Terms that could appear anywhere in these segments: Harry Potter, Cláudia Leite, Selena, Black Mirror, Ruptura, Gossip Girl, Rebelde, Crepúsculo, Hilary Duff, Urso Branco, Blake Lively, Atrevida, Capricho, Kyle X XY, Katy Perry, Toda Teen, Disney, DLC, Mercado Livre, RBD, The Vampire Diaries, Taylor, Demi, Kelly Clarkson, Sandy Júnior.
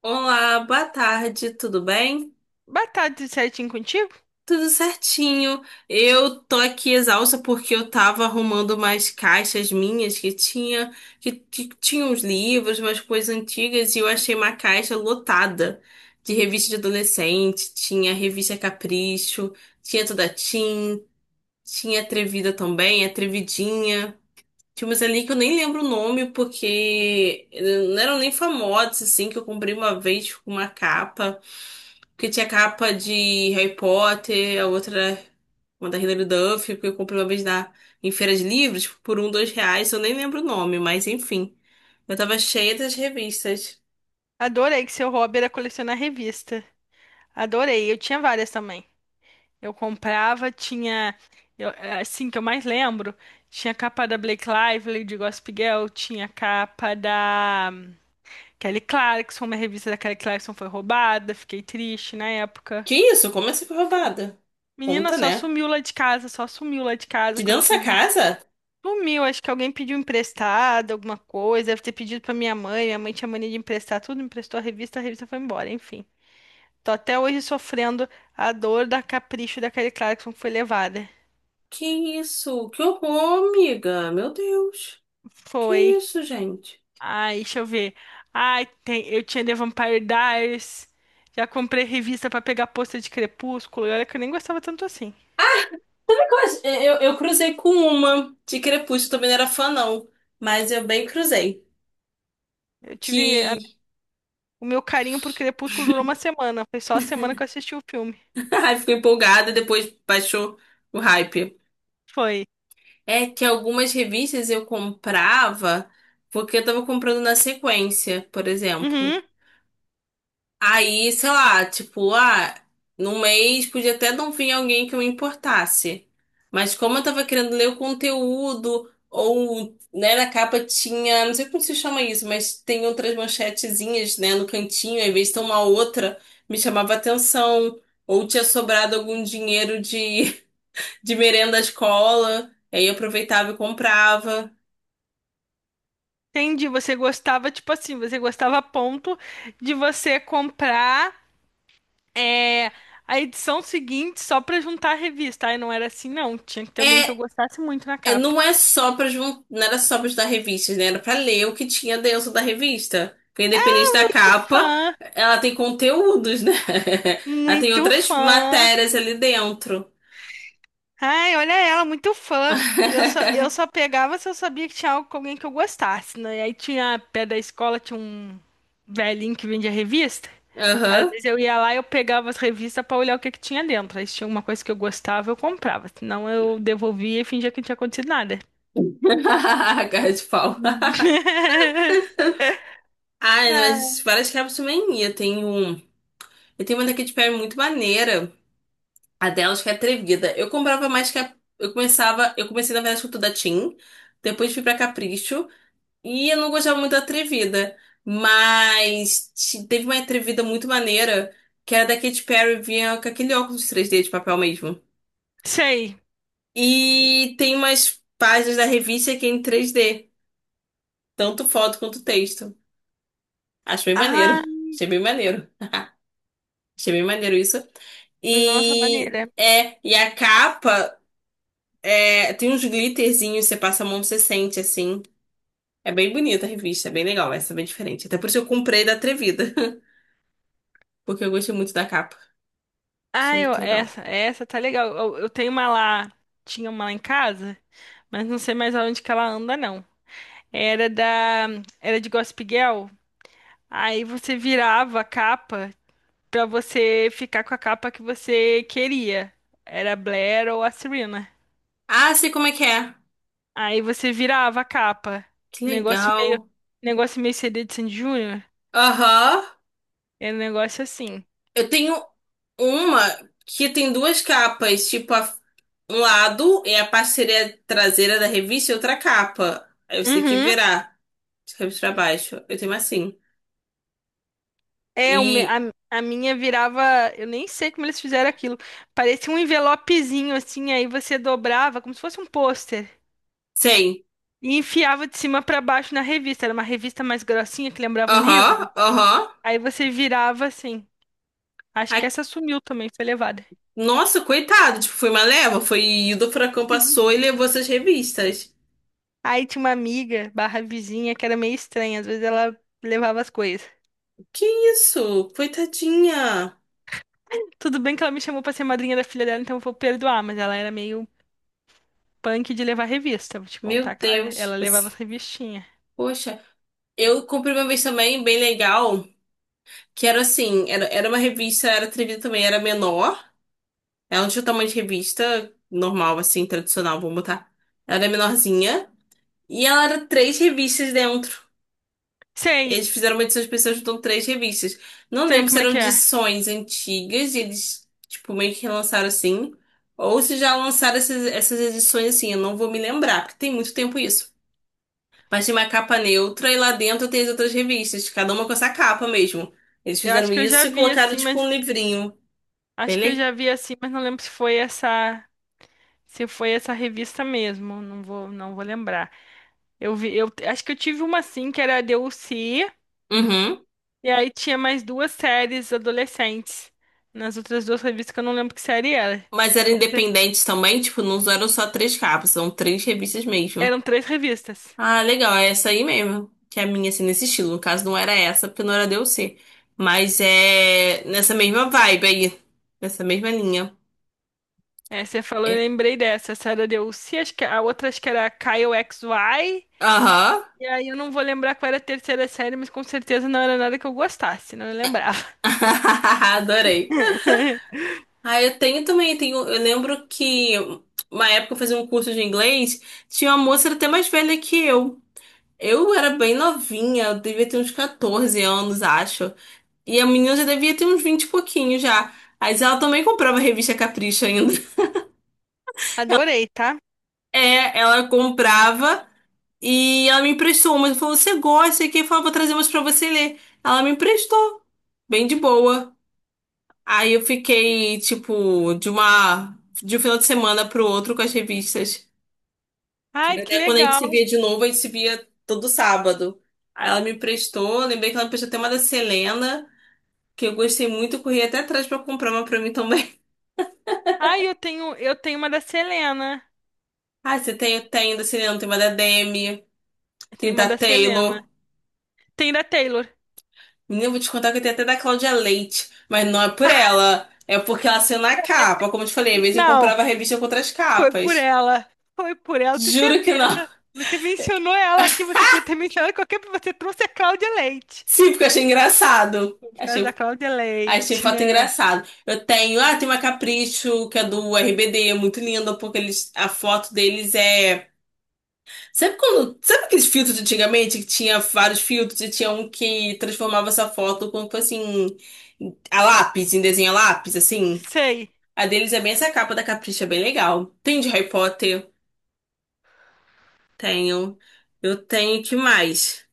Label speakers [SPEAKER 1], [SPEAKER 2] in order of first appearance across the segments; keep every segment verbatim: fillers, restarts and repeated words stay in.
[SPEAKER 1] Olá, boa tarde, tudo bem?
[SPEAKER 2] Batata certinho contigo?
[SPEAKER 1] Tudo certinho. Eu tô aqui exausta porque eu tava arrumando umas caixas minhas que tinha que, que tinha uns livros, umas coisas antigas e eu achei uma caixa lotada de revista de adolescente. Tinha revista Capricho, tinha Toda Teen, tinha Atrevida também, Atrevidinha. Tinha umas ali que eu nem lembro o nome porque eh, não eram nem famosas assim que eu comprei uma vez com uma capa. Porque tinha capa de Harry Potter, a outra, uma da Hilary Duff, porque eu comprei uma vez na, em feira de livros por um, dois reais, eu nem lembro o nome, mas enfim. Eu tava cheia das revistas.
[SPEAKER 2] Adorei que seu hobby era colecionar revista. Adorei, eu tinha várias também. Eu comprava, tinha. eu- assim que eu mais lembro, tinha capa da Blake Lively, de Gossip Girl, tinha capa da hum, Kelly Clarkson, uma revista da Kelly Clarkson foi roubada, fiquei triste na época.
[SPEAKER 1] Que isso? Como assim foi roubada?
[SPEAKER 2] Menina,
[SPEAKER 1] Conta,
[SPEAKER 2] só
[SPEAKER 1] né?
[SPEAKER 2] sumiu lá de casa, só sumiu lá de
[SPEAKER 1] De
[SPEAKER 2] casa quando
[SPEAKER 1] dentro
[SPEAKER 2] eu fui.
[SPEAKER 1] dessa casa?
[SPEAKER 2] Sumiu, acho que alguém pediu emprestado, alguma coisa, deve ter pedido pra minha mãe, minha mãe tinha mania de emprestar tudo, emprestou a revista, a revista foi embora, enfim. Tô até hoje sofrendo a dor da capricho da Kelly Clarkson que foi levada.
[SPEAKER 1] Que isso? Que horror, amiga. Meu Deus. Que
[SPEAKER 2] Foi.
[SPEAKER 1] isso, gente?
[SPEAKER 2] Ai, deixa eu ver. Ai, tem, eu tinha The Vampire Diaries. Já comprei revista pra pegar pôster de Crepúsculo. E olha que eu nem gostava tanto assim.
[SPEAKER 1] Sabe qual é? Eu, eu cruzei com uma de Crepúsculo, também não era fã, não. Mas eu bem cruzei.
[SPEAKER 2] Eu tive. a-
[SPEAKER 1] Que
[SPEAKER 2] o meu carinho por Crepúsculo durou uma semana. Foi só a semana que eu assisti o filme.
[SPEAKER 1] Ai, ficou empolgada, depois baixou o hype.
[SPEAKER 2] Foi.
[SPEAKER 1] É que algumas revistas eu comprava porque eu tava comprando na sequência, por exemplo.
[SPEAKER 2] Uhum.
[SPEAKER 1] Aí, sei lá, tipo, ah, num mês podia até não vir alguém que eu me importasse. Mas como eu tava querendo ler o conteúdo, ou, né, na capa tinha, não sei como se chama isso, mas tem outras manchetezinhas, né, no cantinho, às vezes tem uma outra, me chamava atenção. Ou tinha sobrado algum dinheiro de de merenda à escola. Aí eu aproveitava e comprava.
[SPEAKER 2] Entendi. Você gostava, tipo assim, você gostava a ponto de você comprar. É a edição seguinte só pra juntar a revista. Aí não era assim, não. Tinha que ter alguém que eu
[SPEAKER 1] É,
[SPEAKER 2] gostasse muito na
[SPEAKER 1] é,
[SPEAKER 2] capa.
[SPEAKER 1] não é só para não era só para estudar revistas, né? Era para ler o que tinha dentro da revista. Porque independente da
[SPEAKER 2] Muito
[SPEAKER 1] capa,
[SPEAKER 2] fã,
[SPEAKER 1] ela tem conteúdos, né? Ela tem
[SPEAKER 2] muito
[SPEAKER 1] outras
[SPEAKER 2] fã.
[SPEAKER 1] matérias ali dentro.
[SPEAKER 2] Ai, olha ela, muito fã. Eu só, eu só pegava se eu sabia que tinha algo com alguém que eu gostasse, né? E aí tinha, pé da escola, tinha um velhinho que vendia revista. Às
[SPEAKER 1] Aham.
[SPEAKER 2] vezes eu ia lá e eu pegava as revistas pra olhar o que que tinha dentro. Aí se tinha alguma coisa que eu gostava, eu comprava. Senão eu devolvia e fingia que não tinha acontecido nada.
[SPEAKER 1] Cara de pau. Ai,
[SPEAKER 2] Ah,
[SPEAKER 1] mas várias capas também ia. Tem um. E tem uma daqui de pé muito maneira. A delas que é atrevida. Eu comprava mais que a... Eu começava... Eu comecei, na verdade, com tudo da Tim. Depois fui pra Capricho. E eu não gostava muito da atrevida. Mas te- teve uma atrevida muito maneira. Que era da Katy Perry. Vinha com aquele óculos três D de papel mesmo.
[SPEAKER 2] sei.
[SPEAKER 1] E tem umas páginas da revista que é em três D. Tanto foto quanto texto. Acho bem
[SPEAKER 2] Ah,
[SPEAKER 1] maneiro. Achei bem maneiro. Achei bem maneiro isso.
[SPEAKER 2] nossa,
[SPEAKER 1] E...
[SPEAKER 2] maneira.
[SPEAKER 1] É, e a capa É, tem uns glitterzinhos, você passa a mão, você sente, assim. É bem bonita a revista, é bem legal, essa é bem diferente. Até por isso eu comprei da Atrevida, porque eu gostei muito da capa. Achei
[SPEAKER 2] Ah, eu,
[SPEAKER 1] muito legal.
[SPEAKER 2] essa, essa tá legal. Eu, eu tenho uma lá, tinha uma lá em casa, mas não sei mais aonde que ela anda, não. Era da, era de Gossip Girl. Aí você virava a capa pra você ficar com a capa que você queria. Era a Blair ou a Serena.
[SPEAKER 1] Ah, sei como é que é.
[SPEAKER 2] Aí você virava a capa.
[SPEAKER 1] Que
[SPEAKER 2] Negócio meio,
[SPEAKER 1] legal.
[SPEAKER 2] negócio meio C D de Sandy Júnior.
[SPEAKER 1] Aham.
[SPEAKER 2] Era um negócio assim.
[SPEAKER 1] Eu tenho uma que tem duas capas, tipo, a- um lado é a parceria traseira da revista e outra capa. Aí você tem que
[SPEAKER 2] Uhum.
[SPEAKER 1] virar de cabeça pra baixo. Eu tenho uma assim.
[SPEAKER 2] É, o me- a,
[SPEAKER 1] E
[SPEAKER 2] a minha virava. Eu nem sei como eles fizeram aquilo. Parecia um envelopezinho assim, aí você dobrava, como se fosse um pôster.
[SPEAKER 1] Sei.
[SPEAKER 2] E enfiava de cima pra baixo na revista. Era uma revista mais grossinha que lembrava um
[SPEAKER 1] Aham,
[SPEAKER 2] livro.
[SPEAKER 1] aham.
[SPEAKER 2] Aí você virava assim. Acho que essa sumiu também, foi levada.
[SPEAKER 1] Nossa, coitado, tipo, foi uma leva, foi do furacão passou e levou essas revistas.
[SPEAKER 2] Aí tinha uma amiga, barra vizinha, que era meio estranha. Às vezes ela levava as coisas.
[SPEAKER 1] Que isso? Coitadinha.
[SPEAKER 2] Tudo bem que ela me chamou pra ser madrinha da filha dela, então eu vou perdoar, mas ela era meio punk de levar revista. Vou te
[SPEAKER 1] Meu
[SPEAKER 2] contar que ela,
[SPEAKER 1] Deus.
[SPEAKER 2] ela
[SPEAKER 1] tipo
[SPEAKER 2] levava
[SPEAKER 1] Assim,
[SPEAKER 2] as revistinhas.
[SPEAKER 1] poxa, eu comprei uma vez também, bem legal, que era assim, era, era uma revista, era atrevida também, era menor. Ela não tinha o tamanho de revista normal, assim, tradicional, vamos botar. Ela era menorzinha. E ela era três revistas dentro.
[SPEAKER 2] Sei.
[SPEAKER 1] Eles fizeram uma edição especial juntando três revistas. Não
[SPEAKER 2] Sei
[SPEAKER 1] lembro se
[SPEAKER 2] como é
[SPEAKER 1] eram
[SPEAKER 2] que é.
[SPEAKER 1] edições antigas, e eles, tipo, meio que relançaram assim. Ou se já lançaram essas, essas edições assim, eu não vou me lembrar, porque tem muito tempo isso. Mas tem uma capa neutra e lá dentro tem as outras revistas, cada uma com essa capa mesmo. Eles
[SPEAKER 2] Eu acho
[SPEAKER 1] fizeram
[SPEAKER 2] que eu já
[SPEAKER 1] isso e
[SPEAKER 2] vi
[SPEAKER 1] colocaram,
[SPEAKER 2] assim,
[SPEAKER 1] tipo,
[SPEAKER 2] mas
[SPEAKER 1] um livrinho. Bem
[SPEAKER 2] acho que eu
[SPEAKER 1] le-
[SPEAKER 2] já vi assim, mas não lembro se foi essa, se foi essa revista mesmo. Não vou, não vou lembrar. Eu vi, eu acho que eu tive uma assim que era a D L C
[SPEAKER 1] Uhum.
[SPEAKER 2] e aí tinha mais duas séries adolescentes nas outras duas revistas que eu não lembro que série era.
[SPEAKER 1] Mas eram
[SPEAKER 2] Com cer-
[SPEAKER 1] independentes também, tipo, não eram só três capas, são três revistas mesmo.
[SPEAKER 2] Eram três revistas.
[SPEAKER 1] Ah, legal, é essa aí mesmo. Que é a minha, assim, nesse estilo. No caso, não era essa, porque não era D L C. Mas é nessa mesma vibe aí. Nessa mesma linha.
[SPEAKER 2] É, você falou, eu
[SPEAKER 1] É.
[SPEAKER 2] lembrei dessa. Essa era a D L C, acho que a outra acho que era a Kyle X XY.
[SPEAKER 1] Aham.
[SPEAKER 2] E aí eu não vou lembrar qual era a terceira série, mas com certeza não era nada que eu gostasse, não eu lembrava.
[SPEAKER 1] Adorei. Ah, eu tenho também, tenho, eu lembro que uma época eu fazia um curso de inglês, tinha uma moça até mais velha que eu. Eu era bem novinha, eu devia ter uns quatorze anos, acho. E a menina já devia ter uns vinte e pouquinho já. Mas ela também comprava a revista Capricho ainda.
[SPEAKER 2] Adorei, tá?
[SPEAKER 1] É, ela comprava e ela me emprestou umas. Ela falou, você gosta? E quem falou, vou trazer umas pra você ler. Ela me emprestou, bem de boa. Aí eu fiquei, tipo, de uma, de um final de semana pro outro com as revistas. Que
[SPEAKER 2] Ai,
[SPEAKER 1] era
[SPEAKER 2] que
[SPEAKER 1] Até quando a gente se
[SPEAKER 2] legal.
[SPEAKER 1] via de novo, a gente se via todo sábado. Aí ela me emprestou, lembrei que ela me emprestou até uma da Selena, que eu gostei muito, corri até atrás pra comprar uma pra mim também.
[SPEAKER 2] Ai, eu tenho, eu tenho uma da Selena.
[SPEAKER 1] Ah, você tem, tem da Selena, tem uma da Demi,
[SPEAKER 2] Eu
[SPEAKER 1] tem
[SPEAKER 2] tenho uma
[SPEAKER 1] da
[SPEAKER 2] da
[SPEAKER 1] Taylor.
[SPEAKER 2] Selena. Tem da Taylor.
[SPEAKER 1] Menina, eu vou te contar que eu tenho até da Cláudia Leite, mas não é por ela. É porque ela saiu na capa. Como eu te falei, às vezes eu
[SPEAKER 2] Não,
[SPEAKER 1] comprava a revista com outras
[SPEAKER 2] foi por
[SPEAKER 1] capas.
[SPEAKER 2] ela. Foi por ela, tenho
[SPEAKER 1] Juro que não.
[SPEAKER 2] certeza. Você mencionou ela aqui, você podia ter mencionado qualquer. Você trouxe a Cláudia Leite.
[SPEAKER 1] Sim, porque eu achei engraçado.
[SPEAKER 2] Por causa da
[SPEAKER 1] Achei,
[SPEAKER 2] Cláudia
[SPEAKER 1] achei
[SPEAKER 2] Leite,
[SPEAKER 1] foto
[SPEAKER 2] né?
[SPEAKER 1] engraçado. Eu tenho, ah, tem uma Capricho, que é do R B D, muito linda, porque eles, a foto deles é. Sabe quando. Sabe aqueles filtros de antigamente que tinha vários filtros e tinha um que transformava essa foto como se fosse assim, a lápis, em desenho a lápis, assim?
[SPEAKER 2] Sei.
[SPEAKER 1] A deles é bem essa capa da Capricha, é bem legal. Tem de Harry Potter? Tenho. Eu tenho, que mais?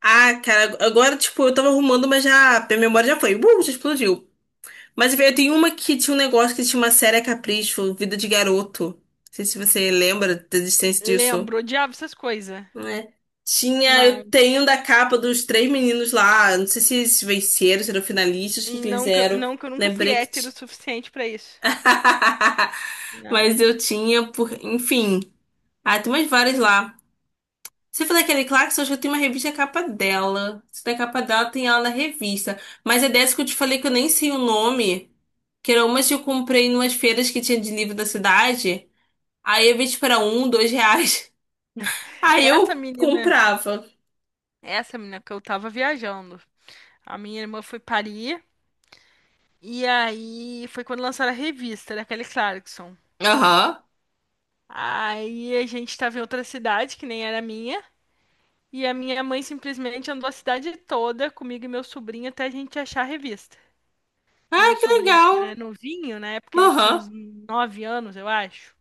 [SPEAKER 1] Ah, cara, agora, tipo, eu tava arrumando, mas já, minha memória já foi. Uh, já explodiu. Mas eu tenho uma que tinha um negócio que tinha uma série a Capricho, Vida de Garoto. Não sei se você lembra da existência disso,
[SPEAKER 2] Lembro. Odiava essas coisas.
[SPEAKER 1] né? Tinha, eu
[SPEAKER 2] Não.
[SPEAKER 1] tenho da capa dos três meninos lá, não sei se eles venceram, se eram finalistas, o que que eles
[SPEAKER 2] Não que, eu-
[SPEAKER 1] eram.
[SPEAKER 2] não que eu nunca fui
[SPEAKER 1] Lembrei que
[SPEAKER 2] hétero o
[SPEAKER 1] tinha.
[SPEAKER 2] suficiente pra isso. Não.
[SPEAKER 1] Mas eu tinha, por... enfim. Ah, tem umas várias lá. Você falou daquele Clarks, eu acho que tem uma revista capa dela. Se tem a capa dela, tem ela na revista. Mas é dessa que eu te falei que eu nem sei o nome. Que era umas que eu comprei em umas feiras que tinha de livro da cidade. Aí eu vi tipo era um, dois reais. Aí
[SPEAKER 2] Essa
[SPEAKER 1] eu
[SPEAKER 2] menina,
[SPEAKER 1] comprava.
[SPEAKER 2] essa menina que eu tava viajando. A minha irmã foi parir. E aí foi quando lançaram a revista da Kelly Clarkson.
[SPEAKER 1] Aham.
[SPEAKER 2] Aí a gente tava em outra cidade, que nem era minha. E a minha mãe simplesmente andou a cidade toda comigo e meu sobrinho até a gente achar a revista.
[SPEAKER 1] Ah,
[SPEAKER 2] Meu
[SPEAKER 1] que
[SPEAKER 2] sobrinho
[SPEAKER 1] legal.
[SPEAKER 2] era novinho, na época ele tinha
[SPEAKER 1] Aham.
[SPEAKER 2] uns nove anos, eu acho.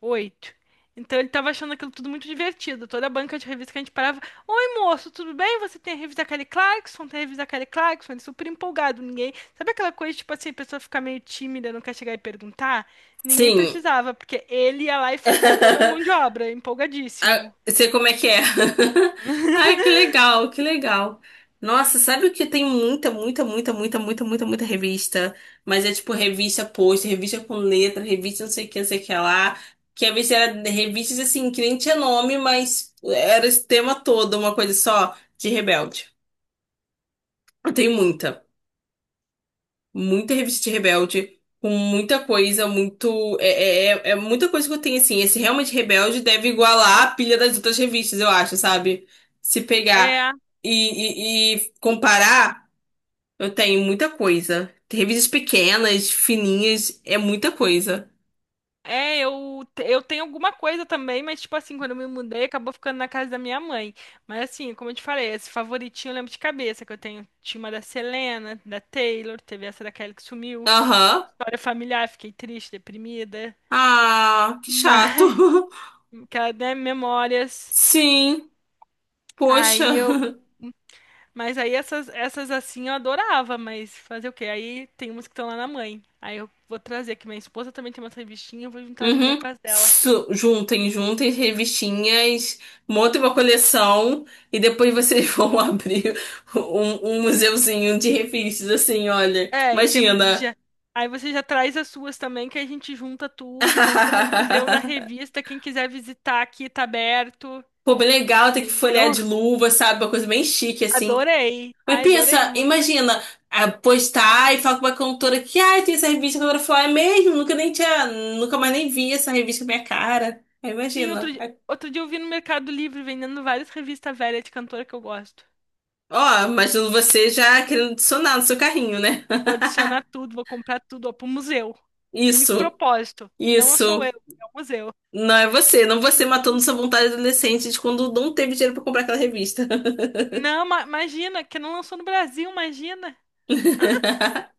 [SPEAKER 2] Oito. Então ele tava achando aquilo tudo muito divertido. Toda a banca de revista que a gente parava. Oi, moço, tudo bem? Você tem a revista Kelly Clarkson? Tem a revista Kelly Clarkson? Ele super empolgado. Ninguém. Sabe aquela coisa, tipo assim, a pessoa fica meio tímida, não quer chegar e perguntar? Ninguém
[SPEAKER 1] Sim.
[SPEAKER 2] precisava, porque ele ia lá e fazia toda a mão de obra,
[SPEAKER 1] Ah,
[SPEAKER 2] empolgadíssimo.
[SPEAKER 1] sei como é que é. Ai, que legal, que legal. Nossa, sabe o que tem muita, muita, muita, muita, muita, muita, muita revista? Mas é tipo revista post, revista com letra, revista não sei o que, não sei o que lá. Que às vezes era revistas assim, que nem tinha nome, mas era esse tema todo, uma coisa só de Rebelde. Tem muita muita revista Rebelde, com muita coisa, muito. É, é, é é muita coisa que eu tenho, assim. Esse realmente Rebelde deve igualar a pilha das outras revistas, eu acho, sabe? Se pegar
[SPEAKER 2] É,
[SPEAKER 1] e, e, e comparar, eu tenho muita coisa. Tem Revistas pequenas, fininhas, é muita coisa.
[SPEAKER 2] é, eu, eu tenho alguma coisa também, mas tipo assim, quando eu me mudei, acabou ficando na casa da minha mãe. Mas assim, como eu te falei, esse favoritinho eu lembro de cabeça, que eu tenho. Tinha uma da Selena, da Taylor, teve essa da Kelly que sumiu, que tinha
[SPEAKER 1] Aham.
[SPEAKER 2] história familiar, fiquei triste, deprimida.
[SPEAKER 1] Ah, que chato.
[SPEAKER 2] Mas, que ela, né, memórias.
[SPEAKER 1] Sim, poxa.
[SPEAKER 2] Aí eu. Mas aí essas, essas assim eu adorava, mas fazer o quê? Aí tem umas que estão lá na mãe. Aí eu vou trazer, que minha esposa também tem umas revistinhas, eu vou juntar as minhas
[SPEAKER 1] Uhum.
[SPEAKER 2] com as dela.
[SPEAKER 1] Su- Juntem, juntem revistinhas, montem uma coleção e depois vocês vão abrir um, um museuzinho de revistas, assim, olha.
[SPEAKER 2] É, e tem-
[SPEAKER 1] Imagina.
[SPEAKER 2] já... aí você já traz as suas também, que a gente junta tudo. Vamos fazer um museu da revista. Quem quiser visitar aqui, tá aberto.
[SPEAKER 1] Pô, bem legal, tem que folhear
[SPEAKER 2] Entendeu?
[SPEAKER 1] de luva, sabe? Uma coisa bem chique, assim.
[SPEAKER 2] Adorei.
[SPEAKER 1] Mas
[SPEAKER 2] Ai, adorei.
[SPEAKER 1] pensa,
[SPEAKER 2] ma-
[SPEAKER 1] imagina, ah, postar e falar com uma cantora que, ai, tem essa revista, a cantora fala, é mesmo? Nunca nem tinha, nunca mais nem vi essa revista com minha cara. Aí
[SPEAKER 2] Sim, outro
[SPEAKER 1] imagina.
[SPEAKER 2] dia, outro dia eu vi no Mercado Livre vendendo várias revistas velhas de cantora que eu gosto.
[SPEAKER 1] Ó, imagino você já querendo adicionar no seu carrinho, né?
[SPEAKER 2] Vou adicionar tudo, vou comprar tudo, ó, pro museu. Único
[SPEAKER 1] Isso,
[SPEAKER 2] propósito. Não sou eu,
[SPEAKER 1] isso.
[SPEAKER 2] é o museu.
[SPEAKER 1] Não é você, não você matando sua vontade adolescente de quando não teve dinheiro pra comprar aquela revista.
[SPEAKER 2] Não, ma- imagina, que não lançou no Brasil, imagina.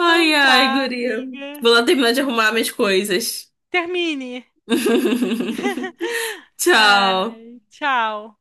[SPEAKER 2] Então
[SPEAKER 1] ai,
[SPEAKER 2] tá,
[SPEAKER 1] guria.
[SPEAKER 2] amiga.
[SPEAKER 1] Vou lá terminar de arrumar minhas coisas.
[SPEAKER 2] Termine.
[SPEAKER 1] Tchau.
[SPEAKER 2] Ai, tchau.